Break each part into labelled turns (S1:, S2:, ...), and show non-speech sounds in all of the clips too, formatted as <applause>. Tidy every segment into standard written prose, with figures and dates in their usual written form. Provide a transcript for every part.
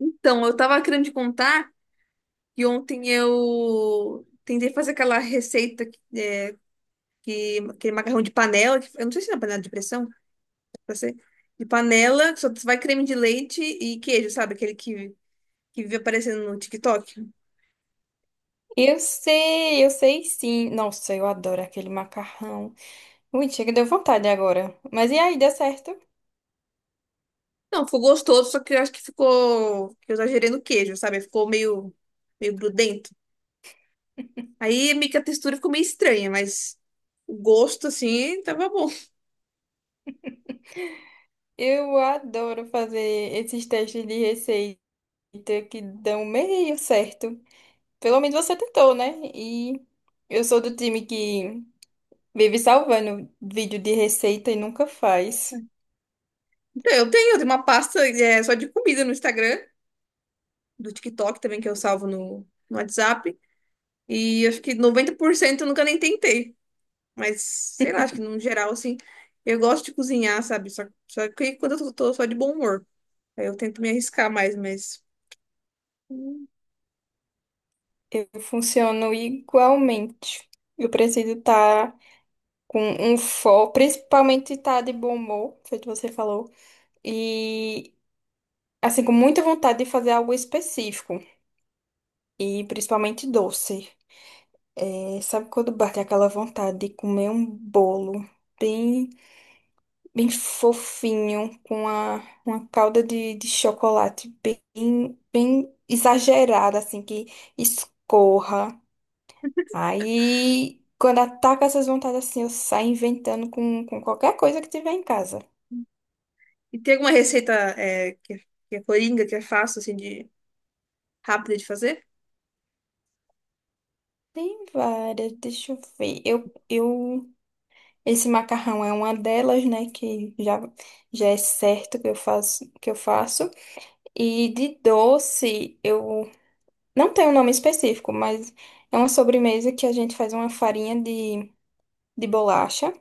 S1: Então, eu tava querendo te contar que ontem eu tentei fazer aquela receita que aquele macarrão de panela, que, eu não sei se é panela de pressão, pra ser, de panela, que só vai creme de leite e queijo, sabe? Aquele que vive aparecendo no TikTok.
S2: Eu sei sim. Nossa, eu adoro aquele macarrão. Ui, chega, deu vontade agora. Mas e aí, deu certo?
S1: Não, ficou gostoso, só que eu acho que ficou, que eu exagerei no queijo, sabe? Ficou meio grudento. Aí meio que a textura ficou meio estranha, mas o gosto, assim, tava bom.
S2: Eu adoro fazer esses testes de receita que dão meio certo. Pelo menos você tentou, né? E eu sou do time que vive salvando vídeo de receita e nunca faz.
S1: Então, eu tenho uma pasta, só de comida no Instagram, do TikTok também, que eu salvo no WhatsApp. E acho que 90% eu nunca nem tentei. Mas, sei lá, acho que no geral, assim, eu gosto de cozinhar, sabe? Só que quando eu tô só de bom humor. Aí eu tento me arriscar mais, mas.
S2: Eu funciono igualmente. Eu preciso estar com um foco, principalmente estar de bom humor, feito você falou. E, assim, com muita vontade de fazer algo específico. E principalmente doce. É, sabe quando bate aquela vontade de comer um bolo bem, bem fofinho, com a uma calda de chocolate bem exagerada, assim, que escorra. Aí, quando ataca essas vontades assim, eu saio inventando com qualquer coisa que tiver em casa.
S1: E tem alguma receita que é coringa, que é fácil, assim, de rápida de fazer?
S2: Tem várias, deixa eu ver. Eu Esse macarrão é uma delas, né, já é certo que eu faço. E de doce, eu não tenho um nome específico, mas é uma sobremesa que a gente faz uma farinha de bolacha,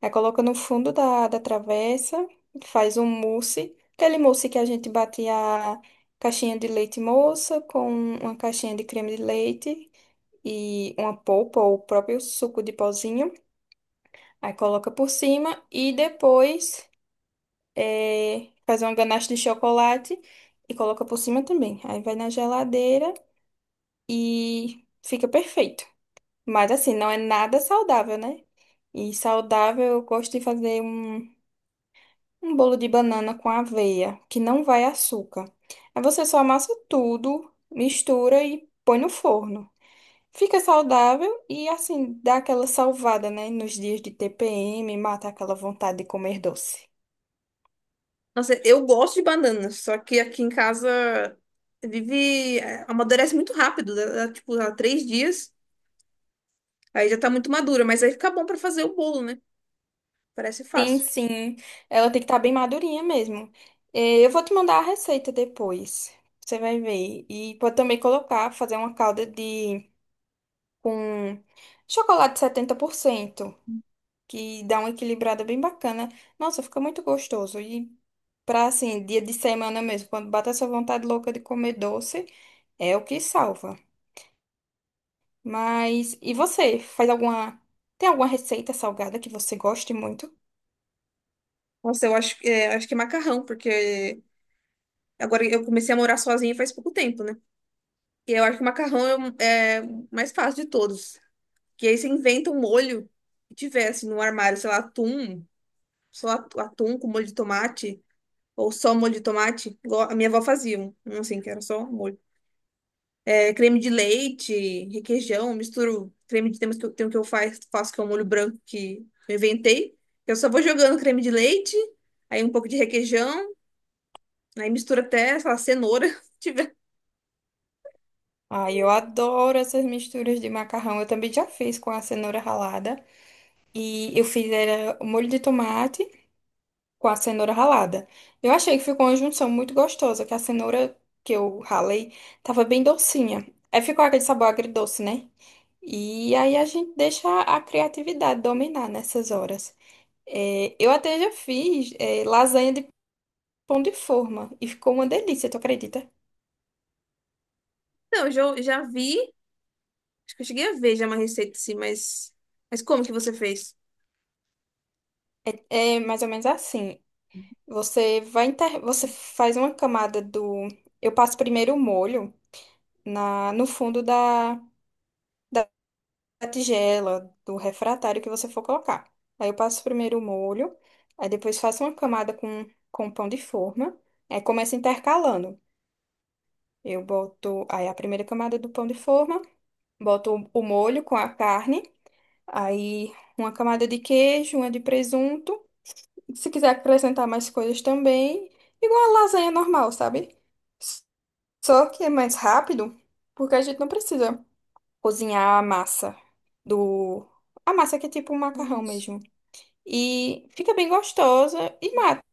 S2: aí coloca no fundo da travessa, faz um mousse, aquele mousse que a gente bate a caixinha de leite moça com uma caixinha de creme de leite e uma polpa ou o próprio suco de pozinho, aí coloca por cima e depois faz uma ganache de chocolate e coloca por cima também. Aí vai na geladeira e fica perfeito. Mas assim, não é nada saudável, né? E saudável, eu gosto de fazer um bolo de banana com aveia, que não vai açúcar. Aí você só amassa tudo, mistura e põe no forno. Fica saudável e assim, dá aquela salvada, né? Nos dias de TPM, mata aquela vontade de comer doce.
S1: Nossa, eu gosto de banana, só que aqui em casa vive. Amadurece muito rápido, tipo, há três dias. Aí já tá muito madura, mas aí fica bom pra fazer o bolo, né? Parece
S2: Sim,
S1: fácil.
S2: sim. Ela tem que estar bem madurinha mesmo. Eu vou te mandar a receita depois. Você vai ver. E pode também colocar, fazer uma calda de com chocolate 70% que dá uma equilibrada bem bacana. Nossa, fica muito gostoso. E pra assim, dia de semana mesmo, quando bate essa vontade louca de comer doce, é o que salva. Mas e você? Faz alguma Tem alguma receita salgada que você goste muito?
S1: Nossa, eu acho, acho que é macarrão, porque agora eu comecei a morar sozinha faz pouco tempo, né? E eu acho que macarrão é o mais fácil de todos. Que aí você inventa um molho que tivesse no armário, sei lá, atum, só atum com molho de tomate, ou só molho de tomate, igual a minha avó fazia, um assim, que era só molho. É, creme de leite, requeijão, misturo creme de tem um que eu faço, que é um molho branco que eu inventei. Eu só vou jogando creme de leite, aí um pouco de requeijão. Aí mistura até, sei lá, cenoura. <laughs> Se tiver.
S2: Ai, eu adoro essas misturas de macarrão. Eu também já fiz com a cenoura ralada. E eu fiz era o molho de tomate com a cenoura ralada. Eu achei que ficou uma junção muito gostosa, que a cenoura que eu ralei tava bem docinha. Aí ficou aquele sabor agridoce, né? E aí a gente deixa a criatividade dominar nessas horas. É, eu até já fiz, é, lasanha de pão de forma e ficou uma delícia, tu acredita?
S1: Não, já vi. Acho que eu cheguei a ver já uma receita assim, mas. Mas como que você fez?
S2: É, é mais ou menos assim. Você faz uma camada do. Eu passo primeiro o molho na... no fundo da... da tigela, do refratário que você for colocar. Aí eu passo primeiro o molho, aí depois faço uma camada com pão de forma. Aí começo intercalando. Eu boto aí a primeira camada do pão de forma, boto o molho com a carne, aí uma camada de queijo, uma de presunto. Se quiser acrescentar mais coisas também, igual a lasanha normal, sabe? Só que é mais rápido, porque a gente não precisa cozinhar a massa do... A massa que é tipo um macarrão
S1: Nossa.
S2: mesmo. E fica bem gostosa e mata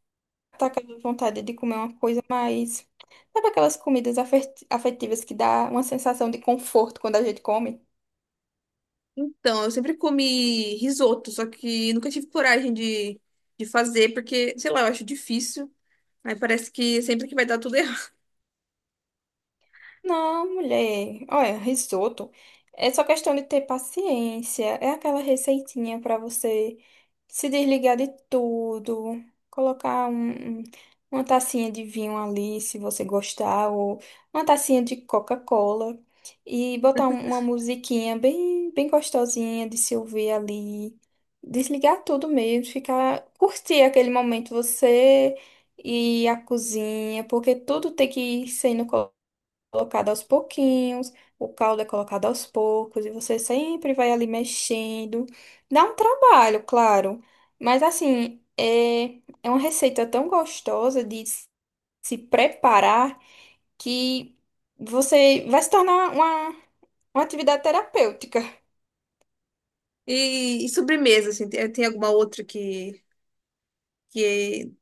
S2: aquela vontade de comer uma coisa mais... Sabe aquelas comidas afetivas que dá uma sensação de conforto quando a gente come?
S1: Então, eu sempre comi risoto, só que nunca tive coragem de fazer, porque, sei lá, eu acho difícil. Aí parece que sempre que vai dar tudo errado.
S2: Não, mulher. Olha, risoto é só questão de ter paciência. É aquela receitinha para você se desligar de tudo, colocar uma tacinha de vinho ali, se você gostar, ou uma tacinha de Coca-Cola e botar uma musiquinha bem gostosinha de se ouvir ali. Desligar tudo mesmo, ficar, curtir aquele momento você e a cozinha, porque tudo tem que ser no colocado aos pouquinhos, o caldo é colocado aos poucos, e você sempre vai ali mexendo. Dá um trabalho, claro, mas assim, é uma receita tão gostosa de se preparar que você vai se tornar uma atividade terapêutica.
S1: E sobremesa, assim, tem alguma outra que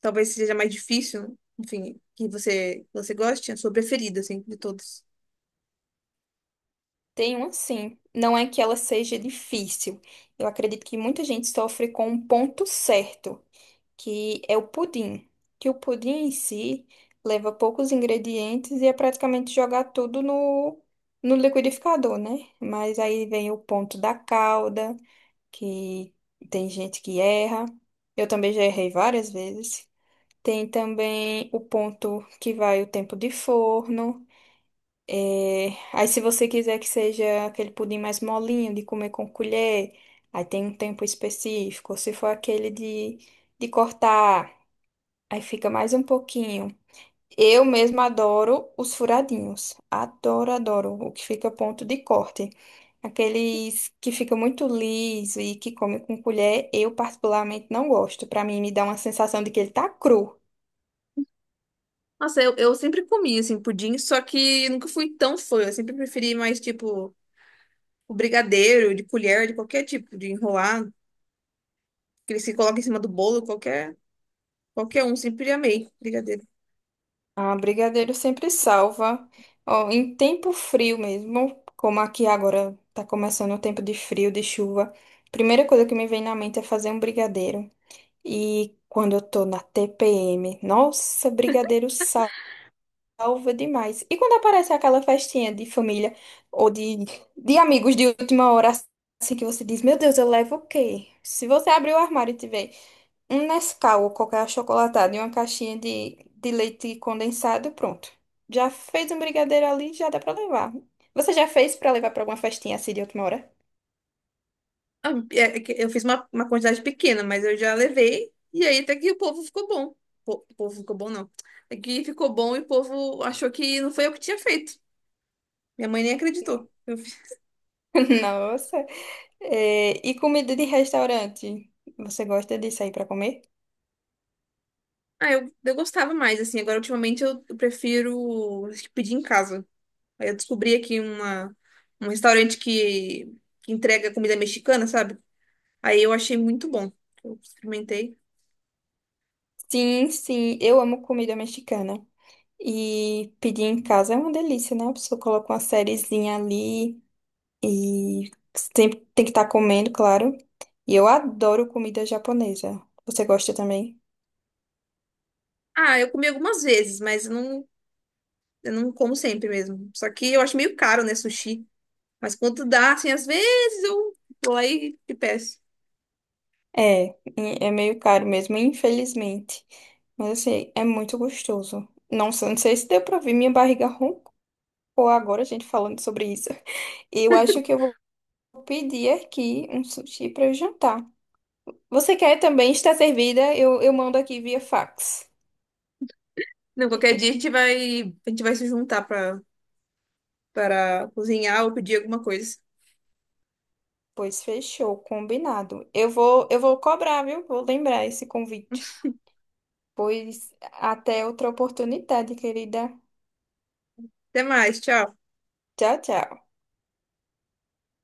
S1: talvez seja mais difícil, enfim, que você goste? A sua preferida, assim, de todos.
S2: Tem um sim. Não é que ela seja difícil. Eu acredito que muita gente sofre com um ponto certo, que é o pudim. Que o pudim em si leva poucos ingredientes e é praticamente jogar tudo no liquidificador, né? Mas aí vem o ponto da calda, que tem gente que erra. Eu também já errei várias vezes. Tem também o ponto que vai o tempo de forno. Aí, se você quiser que seja aquele pudim mais molinho, de comer com colher, aí tem um tempo específico. Se for aquele de cortar. Aí fica mais um pouquinho. Eu mesma adoro os furadinhos. Adoro, adoro. O que fica ponto de corte. Aqueles que fica muito liso e que come com colher, eu particularmente não gosto. Pra mim, me dá uma sensação de que ele tá cru.
S1: Nossa, eu sempre comi, assim, pudim, só que nunca fui tão fã. Eu sempre preferi mais, tipo, o brigadeiro, de colher, de qualquer tipo, de enrolar, que eles se colocam em cima do bolo, qualquer um. Sempre amei brigadeiro.
S2: Ah, brigadeiro sempre salva. Ó, em tempo frio mesmo, como aqui agora tá começando o tempo de frio, de chuva. Primeira coisa que me vem na mente é fazer um brigadeiro. E quando eu tô na TPM, nossa, brigadeiro salva. Salva demais. E quando aparece aquela festinha de família ou de amigos de última hora, assim que você diz, meu Deus, eu levo o quê? Se você abrir o armário e tiver um Nescau ou qualquer achocolatado e uma caixinha de leite condensado, pronto. Já fez um brigadeiro ali, já dá pra levar. Você já fez pra levar pra alguma festinha assim de última hora?
S1: Ah, é é que eu fiz uma quantidade pequena, mas eu já levei. E aí até que o povo ficou bom. O povo ficou bom, não. É que ficou bom e o povo achou que não foi eu que tinha feito. Minha mãe nem acreditou. Eu, fi-
S2: <laughs> Nossa. É, e comida de restaurante? Você gosta de sair pra comer?
S1: ah, eu gostava mais, assim. Agora, ultimamente, eu prefiro acho que pedir em casa. Aí eu descobri aqui um restaurante que entrega comida mexicana, sabe? Aí eu achei muito bom. Eu experimentei.
S2: Sim, sim, eu amo comida mexicana. E pedir em casa é uma delícia, né? A pessoa coloca uma sériezinha ali e sempre tem que estar comendo, claro. E eu adoro comida japonesa. Você gosta também?
S1: Ah, eu comi algumas vezes, mas eu não como sempre mesmo. Só que eu acho meio caro, né, sushi. Mas quando dá, assim, às vezes eu vou lá e te peço.
S2: É, e é meio caro mesmo, infelizmente. Mas assim, é muito gostoso. Não, não sei se deu pra ver, minha barriga roncou agora, a gente falando sobre isso. Eu acho que eu vou pedir aqui um sushi pra eu jantar. Você quer também estar servida? Eu mando aqui via fax.
S1: Não, qualquer dia a gente vai se juntar para cozinhar ou pedir alguma coisa.
S2: Pois fechou, combinado. Eu vou cobrar, viu? Vou lembrar esse convite. Pois até outra oportunidade, querida.
S1: Até mais, tchau.
S2: Tchau, tchau.